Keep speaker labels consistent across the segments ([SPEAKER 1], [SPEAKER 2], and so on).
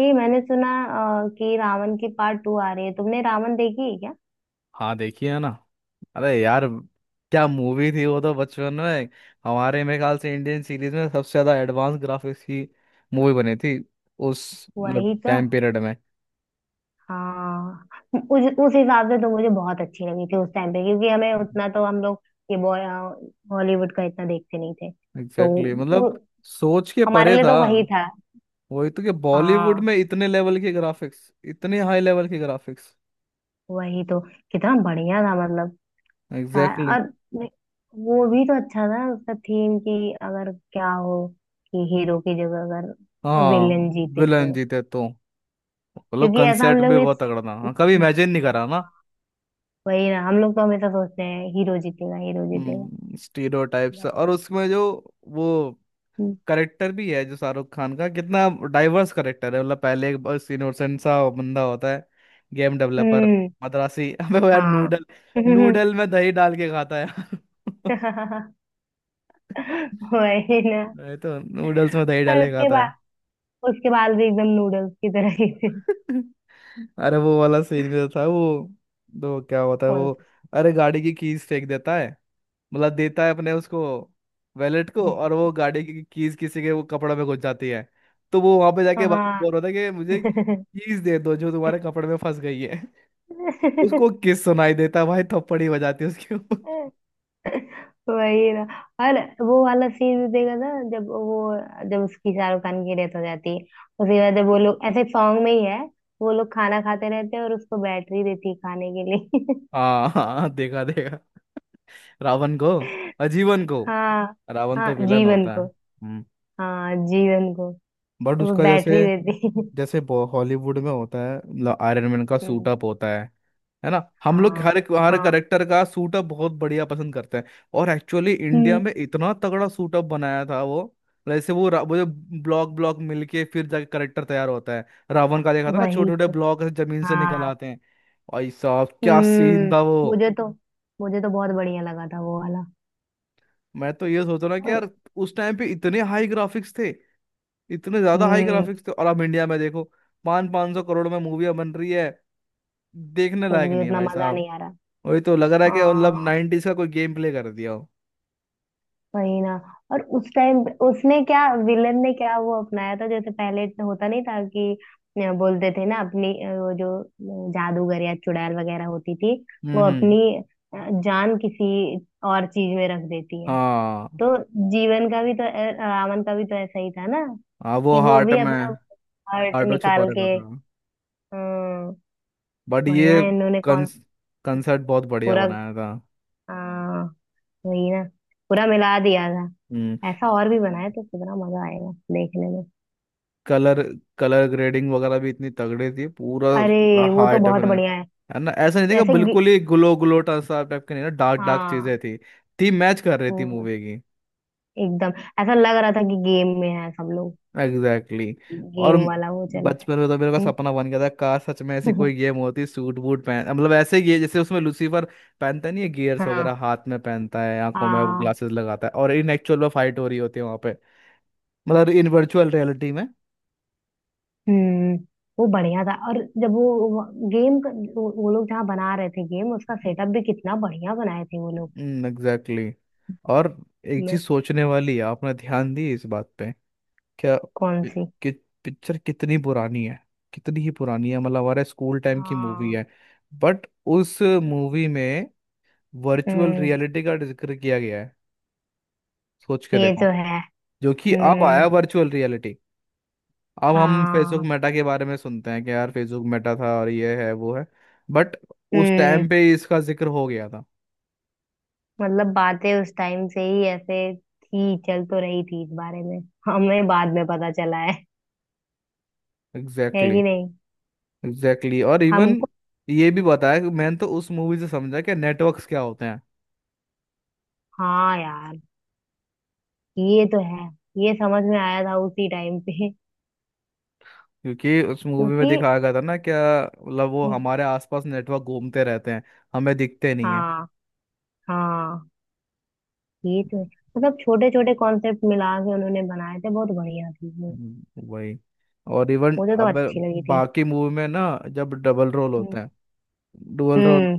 [SPEAKER 1] ये मैंने सुना कि रावण की पार्ट टू आ रही है। तुमने रावण देखी है क्या?
[SPEAKER 2] हाँ, देखी है ना. अरे यार, क्या मूवी थी वो तो. बचपन में हमारे मेरे ख्याल से इंडियन सीरीज में सबसे ज्यादा एडवांस ग्राफिक्स की मूवी बनी थी उस
[SPEAKER 1] वही
[SPEAKER 2] मतलब
[SPEAKER 1] तो।
[SPEAKER 2] टाइम पीरियड में.
[SPEAKER 1] हाँ। उस हिसाब से तो मुझे बहुत अच्छी लगी थी उस टाइम पे, क्योंकि हमें उतना तो हम लोग ये बॉय हॉलीवुड का इतना देखते नहीं थे। तो
[SPEAKER 2] एग्जैक्टली. मतलब
[SPEAKER 1] वो,
[SPEAKER 2] सोच के
[SPEAKER 1] हमारे
[SPEAKER 2] परे
[SPEAKER 1] लिए
[SPEAKER 2] था.
[SPEAKER 1] तो वही था।
[SPEAKER 2] वही तो कि बॉलीवुड
[SPEAKER 1] हाँ।
[SPEAKER 2] में इतने लेवल के ग्राफिक्स, इतने हाई लेवल के ग्राफिक्स.
[SPEAKER 1] वही तो। कितना बढ़िया था मतलब।
[SPEAKER 2] Exactly exactly.
[SPEAKER 1] और वो भी तो अच्छा था उसका थीम, कि अगर क्या हो, कि हीरो की जगह अगर
[SPEAKER 2] हाँ,
[SPEAKER 1] विलेन जीते
[SPEAKER 2] विलन
[SPEAKER 1] तो।
[SPEAKER 2] जीते तो. मतलब
[SPEAKER 1] क्योंकि ऐसा हम
[SPEAKER 2] कंसेप्ट
[SPEAKER 1] लोग
[SPEAKER 2] भी
[SPEAKER 1] ने,
[SPEAKER 2] बहुत तगड़ा था. हाँ, कभी इमेजिन नहीं करा ना.
[SPEAKER 1] वही ना, हम लोग तो हमेशा सोचते हैं हीरो जीतेगा, हीरो जीतेगा।
[SPEAKER 2] स्टीरियोटाइप्स
[SPEAKER 1] बट
[SPEAKER 2] और उसमें जो वो करेक्टर भी है जो शाहरुख खान का, कितना डाइवर्स करेक्टर है. मतलब पहले एक बस इनोसेंट सा बंदा होता है, गेम डेवलपर,
[SPEAKER 1] हम्म।
[SPEAKER 2] मद्रासी. अबे वो यार
[SPEAKER 1] हाँ।
[SPEAKER 2] नूडल नूडल में दही डाल के खाता है यार.
[SPEAKER 1] वही ना।
[SPEAKER 2] ये तो नूडल्स में दही
[SPEAKER 1] और
[SPEAKER 2] डाल के खाता है.
[SPEAKER 1] उसके बाद भी एकदम नूडल्स की तरह ही थे।
[SPEAKER 2] अरे वो वाला सीन भी तो था वो. तो क्या होता है
[SPEAKER 1] कौन
[SPEAKER 2] वो.
[SPEAKER 1] सा?
[SPEAKER 2] अरे गाड़ी की कीज फेंक देता है, मतलब देता है अपने उसको, वैलेट को. और वो गाड़ी की कीज किसी के वो कपड़े में घुस जाती है. तो वो वहां पे जाके बार
[SPEAKER 1] हाँ।
[SPEAKER 2] बोल रहा था कि मुझे कीज दे दो जो तुम्हारे कपड़े में फंस गई है. उसको किस सुनाई देता है भाई, थप्पड़ ही बजाती है उसके ऊपर.
[SPEAKER 1] वही ना। और वो वाला सीन भी देखा था जब उसकी शाहरुख खान की डेथ हो जाती है। उसके बाद जब वो लोग ऐसे सॉन्ग में ही है, वो लोग खाना खाते रहते हैं और उसको बैटरी देती है खाने के लिए।
[SPEAKER 2] हाँ हाँ हाँ, देखा देखा. रावण को, आजीवन को.
[SPEAKER 1] हाँ।
[SPEAKER 2] रावण
[SPEAKER 1] हाँ
[SPEAKER 2] तो विलन
[SPEAKER 1] जीवन
[SPEAKER 2] होता है.
[SPEAKER 1] को।
[SPEAKER 2] हम्म.
[SPEAKER 1] हाँ जीवन को।
[SPEAKER 2] बट
[SPEAKER 1] वो
[SPEAKER 2] उसका
[SPEAKER 1] बैटरी
[SPEAKER 2] जैसे
[SPEAKER 1] देती है।
[SPEAKER 2] जैसे हॉलीवुड में होता है मतलब आयरन मैन का सूट
[SPEAKER 1] हम्म,
[SPEAKER 2] अप होता है. है ना, हम लोग
[SPEAKER 1] हाँ।
[SPEAKER 2] हर एक, हर
[SPEAKER 1] हाँ।
[SPEAKER 2] करेक्टर का सूट अप बहुत बढ़िया पसंद करते हैं. और एक्चुअली इंडिया
[SPEAKER 1] हम्म।
[SPEAKER 2] में इतना तगड़ा सूट अप बनाया था वो. जैसे वो जो ब्लॉक ब्लॉक मिलके फिर जाके करेक्टर तैयार होता है, रावण का, देखा था ना
[SPEAKER 1] वही
[SPEAKER 2] छोटे छोटे
[SPEAKER 1] तो।
[SPEAKER 2] ब्लॉक जमीन से निकल
[SPEAKER 1] हाँ।
[SPEAKER 2] आते हैं. भाई साहब, क्या सीन
[SPEAKER 1] हम्म।
[SPEAKER 2] था वो.
[SPEAKER 1] मुझे तो मुझे तो बहुत बढ़िया लगा था वो वाला।
[SPEAKER 2] मैं तो ये सोच रहा हूँ कि
[SPEAKER 1] और
[SPEAKER 2] यार, उस टाइम पे इतने हाई ग्राफिक्स थे, इतने ज्यादा हाई
[SPEAKER 1] हम्म।
[SPEAKER 2] ग्राफिक्स थे, और अब इंडिया में देखो 500-500 करोड़ में मूवियाँ बन रही है, देखने
[SPEAKER 1] कुछ
[SPEAKER 2] लायक
[SPEAKER 1] भी
[SPEAKER 2] नहीं है
[SPEAKER 1] उतना
[SPEAKER 2] भाई
[SPEAKER 1] मजा
[SPEAKER 2] साहब.
[SPEAKER 1] नहीं आ रहा।
[SPEAKER 2] वही तो लग रहा है कि मतलब
[SPEAKER 1] हाँ।
[SPEAKER 2] नाइनटीज का कोई गेम प्ले कर दिया हो.
[SPEAKER 1] वही ना। और उस टाइम उसने क्या विलन ने क्या वो अपनाया था, जैसे पहले इतना होता नहीं था कि बोलते थे ना अपनी वो जो जादूगर या चुड़ैल वगैरह होती थी, वो
[SPEAKER 2] हम्म.
[SPEAKER 1] अपनी अ, जान किसी और चीज में रख देती है।
[SPEAKER 2] हाँ,
[SPEAKER 1] तो जीवन का भी तो रावण का भी तो ऐसा ही था ना,
[SPEAKER 2] हाँ वो
[SPEAKER 1] कि वो
[SPEAKER 2] हार्ट
[SPEAKER 1] भी अपना
[SPEAKER 2] में
[SPEAKER 1] हार्ट
[SPEAKER 2] हार्ट में छुपा
[SPEAKER 1] निकाल
[SPEAKER 2] रखा
[SPEAKER 1] के।
[SPEAKER 2] था.
[SPEAKER 1] अ,
[SPEAKER 2] बट
[SPEAKER 1] बढ़िया
[SPEAKER 2] ये
[SPEAKER 1] इन्होंने कौन।
[SPEAKER 2] कंस कंसर्ट बहुत बढ़िया
[SPEAKER 1] पूरा।
[SPEAKER 2] बनाया था.
[SPEAKER 1] अ, वही ना। पूरा मिला दिया था।
[SPEAKER 2] हम्म.
[SPEAKER 1] ऐसा और भी बनाया तो कितना मजा आएगा देखने में।
[SPEAKER 2] कलर कलर ग्रेडिंग वगैरह भी इतनी तगड़ी थी, पूरा पूरा
[SPEAKER 1] अरे वो
[SPEAKER 2] हाई
[SPEAKER 1] तो बहुत
[SPEAKER 2] डेफिनेट.
[SPEAKER 1] बढ़िया है।
[SPEAKER 2] है ना, ऐसा नहीं था कि
[SPEAKER 1] जैसे गे-
[SPEAKER 2] बिल्कुल ही ग्लो ग्लो सा टाइप के, नहीं ना, डार्क डार्क चीजें
[SPEAKER 1] हाँ।
[SPEAKER 2] थी मैच कर रही थी
[SPEAKER 1] हम्म,
[SPEAKER 2] मूवी की.
[SPEAKER 1] एकदम। ऐसा लग रहा था कि गेम में है सब लोग।
[SPEAKER 2] एग्जैक्टली. और
[SPEAKER 1] गेम वाला वो चल रहा है।
[SPEAKER 2] बचपन में तो मेरे का
[SPEAKER 1] हम्म,
[SPEAKER 2] सपना बन गया था, कार सच में ऐसी कोई गेम होती, सूट बूट पहन, मतलब ऐसे ये जैसे उसमें लूसीफर पहनता नहीं है, गियर्स वगैरह
[SPEAKER 1] हाँ।
[SPEAKER 2] हाथ में पहनता है, आंखों में
[SPEAKER 1] हाँ।
[SPEAKER 2] ग्लासेस लगाता है, और इन एक्चुअल में फाइट हो रही होती है वहां पे. मतलब इन वर्चुअल रियलिटी में.
[SPEAKER 1] हम्म। वो बढ़िया था। और जब वो गेम, वो लोग जहाँ बना रहे थे गेम, उसका सेटअप भी कितना बढ़िया बनाए थे वो लोग।
[SPEAKER 2] एग्जैक्टली. और एक
[SPEAKER 1] मैं।
[SPEAKER 2] चीज सोचने वाली है, आपने ध्यान दी इस बात पे. क्या?
[SPEAKER 1] कौन
[SPEAKER 2] पि-
[SPEAKER 1] सी?
[SPEAKER 2] कि पिक्चर कितनी पुरानी है. कितनी ही पुरानी है, मतलब हमारे स्कूल टाइम की मूवी
[SPEAKER 1] हाँ।
[SPEAKER 2] है. बट उस मूवी में वर्चुअल
[SPEAKER 1] हम्म।
[SPEAKER 2] रियलिटी का जिक्र किया गया है. सोच के
[SPEAKER 1] ये
[SPEAKER 2] देखो,
[SPEAKER 1] तो है।
[SPEAKER 2] जो कि अब आया
[SPEAKER 1] हम्म।
[SPEAKER 2] Virtual reality. अब हम फेसबुक
[SPEAKER 1] हाँ।
[SPEAKER 2] मेटा के बारे में सुनते हैं कि यार फेसबुक मेटा था, और ये है वो है. बट उस
[SPEAKER 1] हम्म।
[SPEAKER 2] टाइम पे इसका जिक्र हो गया था.
[SPEAKER 1] मतलब बातें उस टाइम से ही ऐसे थी, चल तो रही थी इस बारे में। हमें बाद में पता चला है
[SPEAKER 2] एग्जैक्टली
[SPEAKER 1] कि नहीं?
[SPEAKER 2] exactly, exactly. और इवन
[SPEAKER 1] हमको।
[SPEAKER 2] ये भी बताया कि मैंने तो उस मूवी से समझा कि नेटवर्क्स क्या होते हैं.
[SPEAKER 1] हाँ यार। ये तो है। ये समझ में आया था उसी टाइम पे।
[SPEAKER 2] क्योंकि उस मूवी में
[SPEAKER 1] क्योंकि।
[SPEAKER 2] दिखाया गया था ना क्या, मतलब वो हमारे आसपास नेटवर्क घूमते रहते हैं, हमें दिखते नहीं.
[SPEAKER 1] हाँ। हाँ। ये तो है। मतलब छोटे छोटे कॉन्सेप्ट मिला के उन्होंने बनाए थे, बहुत बढ़िया थी वो।
[SPEAKER 2] हम्म, वही. और इवन
[SPEAKER 1] मुझे तो
[SPEAKER 2] अब
[SPEAKER 1] अच्छी लगी थी।
[SPEAKER 2] बाकी मूवी में ना जब डबल रोल
[SPEAKER 1] हम्म।
[SPEAKER 2] होता है, डुअल रोल,
[SPEAKER 1] हम्म।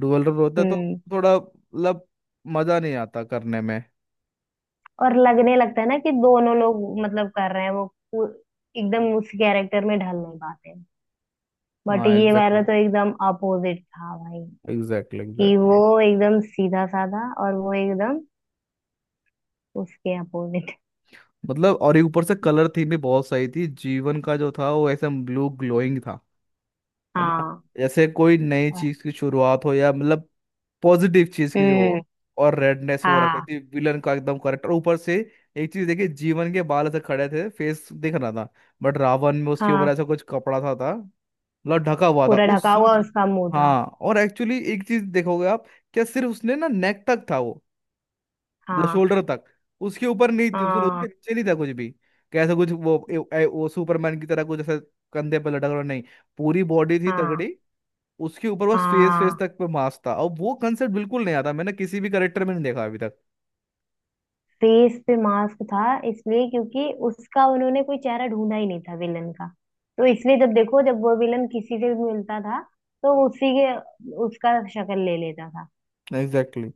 [SPEAKER 2] डुअल रोल होता है तो
[SPEAKER 1] हम्म।
[SPEAKER 2] थोड़ा मतलब मजा नहीं आता करने में.
[SPEAKER 1] और लगने लगता है ना कि दोनों लोग मतलब कर रहे हैं, वो एकदम उस कैरेक्टर में ढल नहीं पाते। बट
[SPEAKER 2] हाँ,
[SPEAKER 1] ये वाला
[SPEAKER 2] एग्जैक्टली
[SPEAKER 1] तो एकदम अपोजिट था भाई,
[SPEAKER 2] एग्जैक्टली
[SPEAKER 1] कि वो
[SPEAKER 2] एग्जैक्टली.
[SPEAKER 1] एकदम सीधा साधा और वो एकदम उसके अपोजिट।
[SPEAKER 2] मतलब और ये ऊपर से कलर थीम भी बहुत सही थी, जीवन का जो था वो ऐसे ब्लू ग्लोइंग था. है ना,
[SPEAKER 1] हाँ।
[SPEAKER 2] जैसे कोई नई
[SPEAKER 1] और।
[SPEAKER 2] चीज की शुरुआत हो या मतलब पॉजिटिव चीज की जो
[SPEAKER 1] हम्म।
[SPEAKER 2] हो. और रेडनेस वो रखी
[SPEAKER 1] हाँ।
[SPEAKER 2] थी विलन का, एकदम करेक्ट. और ऊपर से एक चीज देखिए, जीवन के बाल ऐसे खड़े थे, फेस दिख रहा था. बट रावण में उसके ऊपर
[SPEAKER 1] हाँ
[SPEAKER 2] ऐसा कुछ कपड़ा था, मतलब ढका हुआ था
[SPEAKER 1] पूरा
[SPEAKER 2] उस
[SPEAKER 1] ढका
[SPEAKER 2] सूट.
[SPEAKER 1] हुआ उसका मुंह था।
[SPEAKER 2] हाँ, और एक्चुअली एक चीज देखोगे आप, क्या सिर्फ उसने ना नेक तक था वो, मतलब
[SPEAKER 1] हाँ।
[SPEAKER 2] शोल्डर तक, उसके ऊपर नहीं थी, उसने उसके
[SPEAKER 1] हाँ।
[SPEAKER 2] नीचे नहीं था कुछ भी. कैसा कुछ वो ए, ए, वो सुपरमैन की तरह कुछ ऐसा, कंधे पे लटक रहा नहीं, पूरी बॉडी थी
[SPEAKER 1] हाँ।
[SPEAKER 2] तगड़ी. उसके ऊपर बस फेस फेस
[SPEAKER 1] हाँ।
[SPEAKER 2] तक पे मास्क था, और वो कंसेप्ट बिल्कुल नहीं आता, मैंने किसी भी करेक्टर में नहीं देखा अभी तक.
[SPEAKER 1] फेस पे मास्क था, इसलिए क्योंकि उसका उन्होंने कोई चेहरा ढूंढा ही नहीं था विलन का। तो इसलिए जब देखो, जब वो विलन किसी से भी मिलता था, तो उसी के उसका शक्ल ले लेता था।
[SPEAKER 2] एग्जैक्टली.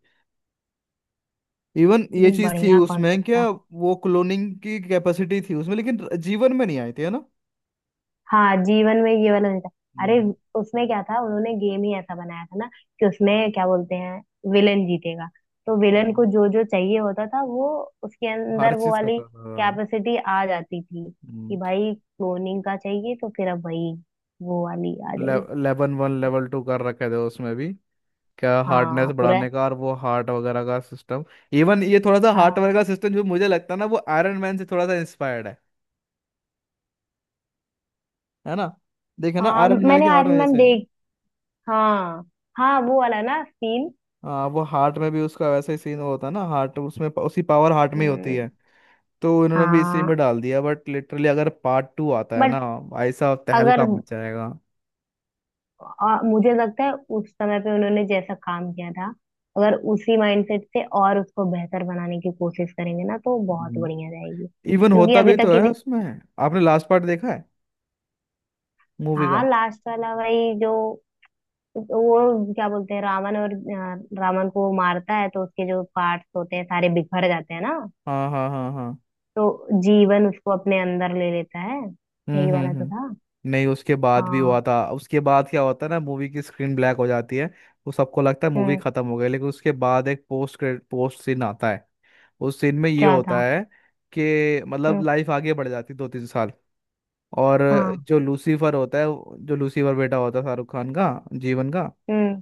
[SPEAKER 2] इवन ये
[SPEAKER 1] लेकिन
[SPEAKER 2] चीज थी
[SPEAKER 1] बढ़िया
[SPEAKER 2] उसमें
[SPEAKER 1] कॉन्सेप्ट
[SPEAKER 2] क्या,
[SPEAKER 1] था।
[SPEAKER 2] वो क्लोनिंग की कैपेसिटी थी उसमें, लेकिन जीवन में नहीं आई थी, है ना.
[SPEAKER 1] हाँ जीवन में ये वाला नहीं था। अरे
[SPEAKER 2] हम्म.
[SPEAKER 1] उसमें क्या था, उन्होंने गेम ही ऐसा बनाया था ना, कि उसमें क्या बोलते हैं, विलेन जीतेगा तो विलेन को
[SPEAKER 2] हम्म.
[SPEAKER 1] जो जो चाहिए होता था वो, उसके
[SPEAKER 2] हर
[SPEAKER 1] अंदर वो
[SPEAKER 2] चीज का
[SPEAKER 1] वाली
[SPEAKER 2] था.
[SPEAKER 1] कैपेसिटी आ जाती थी, कि भाई क्लोनिंग का चाहिए तो फिर अब वही वो वाली आ जाएगी।
[SPEAKER 2] लेवन वन लेवल टू कर रखे थे उसमें भी, क्या हार्डनेस
[SPEAKER 1] हाँ पूरा।
[SPEAKER 2] बढ़ाने का, और वो हार्ट वगैरह का सिस्टम. इवन ये थोड़ा सा हार्ट
[SPEAKER 1] हाँ।
[SPEAKER 2] वगैरह का सिस्टम जो मुझे लगता है ना वो आयरन मैन से थोड़ा सा इंस्पायर्ड है. है ना, देखे ना
[SPEAKER 1] हाँ
[SPEAKER 2] आयरन मैन
[SPEAKER 1] मैंने
[SPEAKER 2] के हार्ट में
[SPEAKER 1] आयरन मैन
[SPEAKER 2] जैसे है.
[SPEAKER 1] देख। हाँ। हाँ वो वाला ना सीन।
[SPEAKER 2] हाँ वो हार्ट में भी उसका वैसा ही सीन होता है ना, हार्ट उसमें उसी पावर हार्ट में ही होती है.
[SPEAKER 1] हम्म।
[SPEAKER 2] तो इन्होंने भी इसी
[SPEAKER 1] हाँ।
[SPEAKER 2] में डाल दिया. बट लिटरली अगर पार्ट टू आता है
[SPEAKER 1] बट
[SPEAKER 2] ना, ऐसा
[SPEAKER 1] अगर,
[SPEAKER 2] तहलका मच जाएगा.
[SPEAKER 1] मुझे लगता है उस समय पे उन्होंने जैसा काम किया था, अगर उसी माइंडसेट से और उसको बेहतर बनाने की कोशिश करेंगे ना, तो बहुत
[SPEAKER 2] हम्म,
[SPEAKER 1] बढ़िया रहेगी
[SPEAKER 2] इवन
[SPEAKER 1] क्योंकि
[SPEAKER 2] होता
[SPEAKER 1] अभी
[SPEAKER 2] भी तो
[SPEAKER 1] तक
[SPEAKER 2] है
[SPEAKER 1] इसे।
[SPEAKER 2] उसमें. आपने लास्ट पार्ट देखा है मूवी
[SPEAKER 1] हाँ
[SPEAKER 2] का.
[SPEAKER 1] लास्ट वाला भाई जो, वो क्या बोलते हैं, रावण और रावण को मारता है तो उसके जो पार्ट्स होते हैं सारे बिखर जाते हैं ना,
[SPEAKER 2] हाँ हाँ हाँ हाँ.
[SPEAKER 1] तो जीवन उसको अपने अंदर ले लेता है। यही वाला तो
[SPEAKER 2] हम्म.
[SPEAKER 1] था।
[SPEAKER 2] नहीं, उसके बाद भी हुआ
[SPEAKER 1] हाँ।
[SPEAKER 2] था. उसके बाद क्या होता है ना, मूवी की स्क्रीन ब्लैक हो जाती है, वो सबको लगता है मूवी
[SPEAKER 1] हम्म।
[SPEAKER 2] खत्म हो गई, लेकिन उसके बाद एक पोस्ट क्रेडिट पोस्ट सीन आता है. उस सीन में ये
[SPEAKER 1] क्या
[SPEAKER 2] होता
[SPEAKER 1] था?
[SPEAKER 2] है कि मतलब
[SPEAKER 1] हम्म।
[SPEAKER 2] लाइफ आगे बढ़ जाती है 2-3 साल, और
[SPEAKER 1] हाँ।
[SPEAKER 2] जो लूसीफर होता है जो लूसीफर बेटा होता है शाहरुख खान का, जीवन का,
[SPEAKER 1] हम्म।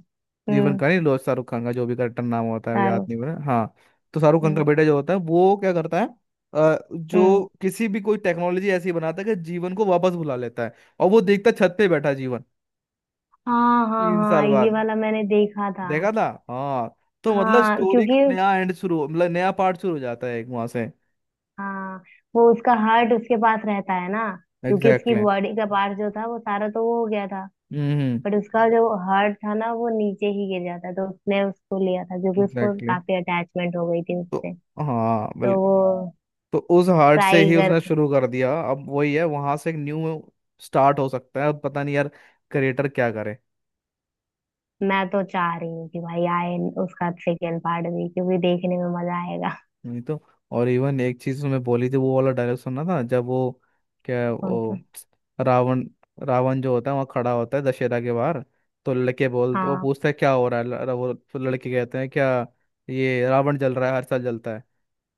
[SPEAKER 2] जीवन
[SPEAKER 1] हम्म।
[SPEAKER 2] का नहीं लो, शाहरुख खान का जो भी करेक्टर नाम होता है याद
[SPEAKER 1] सारू।
[SPEAKER 2] नहीं हो रहा. हाँ. तो शाहरुख खान का
[SPEAKER 1] हम्म।
[SPEAKER 2] बेटा जो होता है वो क्या करता है,
[SPEAKER 1] हम्म।
[SPEAKER 2] जो किसी भी कोई टेक्नोलॉजी ऐसी बनाता है कि जीवन को वापस बुला लेता है. और वो देखता है छत पे बैठा जीवन
[SPEAKER 1] हाँ। हाँ।
[SPEAKER 2] 3 साल
[SPEAKER 1] हाँ ये
[SPEAKER 2] बाद.
[SPEAKER 1] वाला मैंने देखा था।
[SPEAKER 2] देखा था. हाँ. तो मतलब
[SPEAKER 1] हाँ
[SPEAKER 2] स्टोरी का
[SPEAKER 1] क्योंकि।
[SPEAKER 2] नया एंड शुरू मतलब नया पार्ट शुरू हो जाता है एक वहां से.
[SPEAKER 1] हाँ वो उसका हार्ट उसके पास रहता है ना, क्योंकि उसकी
[SPEAKER 2] एग्जैक्टली.
[SPEAKER 1] बॉडी का पार्ट जो था वो सारा तो वो हो गया था।
[SPEAKER 2] हम्म.
[SPEAKER 1] बट उसका जो हार्ट था ना, वो नीचे ही गिर जाता, तो उसने उसको लिया था, क्योंकि उसको
[SPEAKER 2] एग्जैक्टली
[SPEAKER 1] काफी अटैचमेंट हो गई थी
[SPEAKER 2] exactly.
[SPEAKER 1] उससे।
[SPEAKER 2] तो हाँ
[SPEAKER 1] तो वो
[SPEAKER 2] बिल्कुल. तो उस हार्ट से
[SPEAKER 1] ट्राई
[SPEAKER 2] ही
[SPEAKER 1] कर।
[SPEAKER 2] उसने शुरू कर दिया, अब वही है वहां से एक न्यू स्टार्ट हो सकता है. अब पता नहीं यार क्रिएटर क्या करे.
[SPEAKER 1] मैं तो चाह रही हूँ कि भाई आए उसका सेकेंड पार्ट भी, क्योंकि देखने में मजा आएगा।
[SPEAKER 2] नहीं तो. और इवन एक चीज उसमें बोली थी वो वाला डायलॉग, सुनना था जब वो, क्या है,
[SPEAKER 1] कौन सा?
[SPEAKER 2] वो रावण, रावण जो होता है वहाँ खड़ा होता है दशहरा के बाहर, तो लड़के बोलते वो
[SPEAKER 1] हाँ।
[SPEAKER 2] पूछता है क्या हो रहा है, वो तो लड़के कहते हैं क्या, ये रावण जल रहा है हर साल जलता है,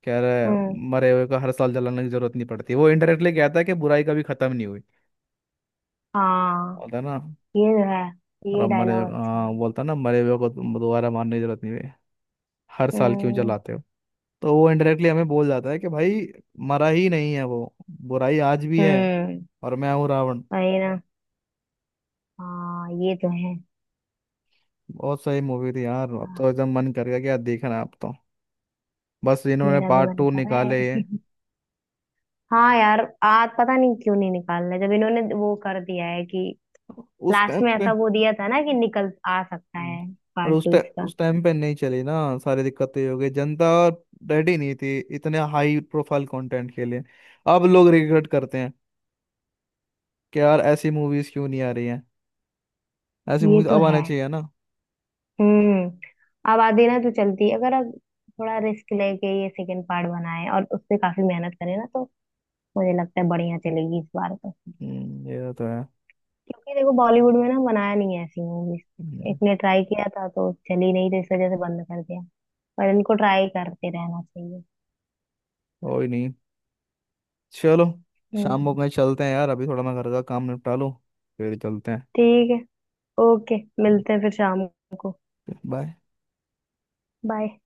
[SPEAKER 2] कह रहा है
[SPEAKER 1] हम्म।
[SPEAKER 2] मरे हुए का हर साल जलाने की जरूरत नहीं पड़ती. वो इनडायरेक्टली कहता है कि बुराई कभी खत्म नहीं हुई,
[SPEAKER 1] हाँ।
[SPEAKER 2] होता है ना.
[SPEAKER 1] ये है।
[SPEAKER 2] और
[SPEAKER 1] ये
[SPEAKER 2] अब मरे,
[SPEAKER 1] डायलॉग अच्छा
[SPEAKER 2] हाँ,
[SPEAKER 1] है।
[SPEAKER 2] बोलता है ना, मरे हुए को तुम दोबारा मारने की जरूरत नहीं है, हर साल क्यों
[SPEAKER 1] हम्म।
[SPEAKER 2] जलाते हो. तो वो इनडायरेक्टली हमें बोल जाता है कि भाई मरा ही नहीं है वो, बुराई आज भी है,
[SPEAKER 1] हम्म।
[SPEAKER 2] और मैं हूँ रावण.
[SPEAKER 1] वही ना। हाँ ये तो है।
[SPEAKER 2] बहुत सही मूवी थी यार. अब
[SPEAKER 1] हाँ,
[SPEAKER 2] तो एकदम मन कर गया क्या देखना अब तो. बस इन्होंने
[SPEAKER 1] मेरा भी
[SPEAKER 2] पार्ट
[SPEAKER 1] मन
[SPEAKER 2] टू
[SPEAKER 1] कर रहा
[SPEAKER 2] निकाले ये
[SPEAKER 1] है। हाँ यार आज पता नहीं क्यों नहीं निकाल रहे, जब इन्होंने वो कर दिया है कि
[SPEAKER 2] उस
[SPEAKER 1] लास्ट
[SPEAKER 2] टाइम
[SPEAKER 1] में
[SPEAKER 2] पे.
[SPEAKER 1] ऐसा वो दिया था ना कि निकल आ सकता
[SPEAKER 2] हम्म.
[SPEAKER 1] है
[SPEAKER 2] और
[SPEAKER 1] पार्ट
[SPEAKER 2] उस
[SPEAKER 1] टू
[SPEAKER 2] टाइम
[SPEAKER 1] इसका।
[SPEAKER 2] उस टाइम पे नहीं चली ना, सारी दिक्कतें ये हो गई, जनता रेडी नहीं थी इतने हाई प्रोफाइल कंटेंट के लिए. अब लोग रिग्रेट करते हैं कि यार ऐसी मूवीज क्यों नहीं आ रही हैं. ऐसी
[SPEAKER 1] ये
[SPEAKER 2] मूवीज
[SPEAKER 1] तो
[SPEAKER 2] अब आना
[SPEAKER 1] है।
[SPEAKER 2] चाहिए ना.
[SPEAKER 1] अब आधी ना तो चलती है, अगर अब थोड़ा रिस्क लेके ये सेकंड पार्ट बनाए और उस पे काफी मेहनत करे ना, तो मुझे लगता है बढ़िया चलेगी इस बार तो।
[SPEAKER 2] ये तो है.
[SPEAKER 1] क्योंकि देखो बॉलीवुड में ना बनाया नहीं है ऐसी मूवीज। एक
[SPEAKER 2] हम्म,
[SPEAKER 1] ने ट्राई किया था तो चली नहीं, तो इस वजह से बंद कर दिया। पर इनको ट्राई करते रहना चाहिए।
[SPEAKER 2] कोई नहीं, चलो शाम को
[SPEAKER 1] हम्म।
[SPEAKER 2] कहीं चलते हैं यार, अभी थोड़ा मैं घर का काम निपटा लूँ, फिर चलते हैं.
[SPEAKER 1] ठीक है। ओके। मिलते हैं फिर शाम को।
[SPEAKER 2] बाय.
[SPEAKER 1] बाय।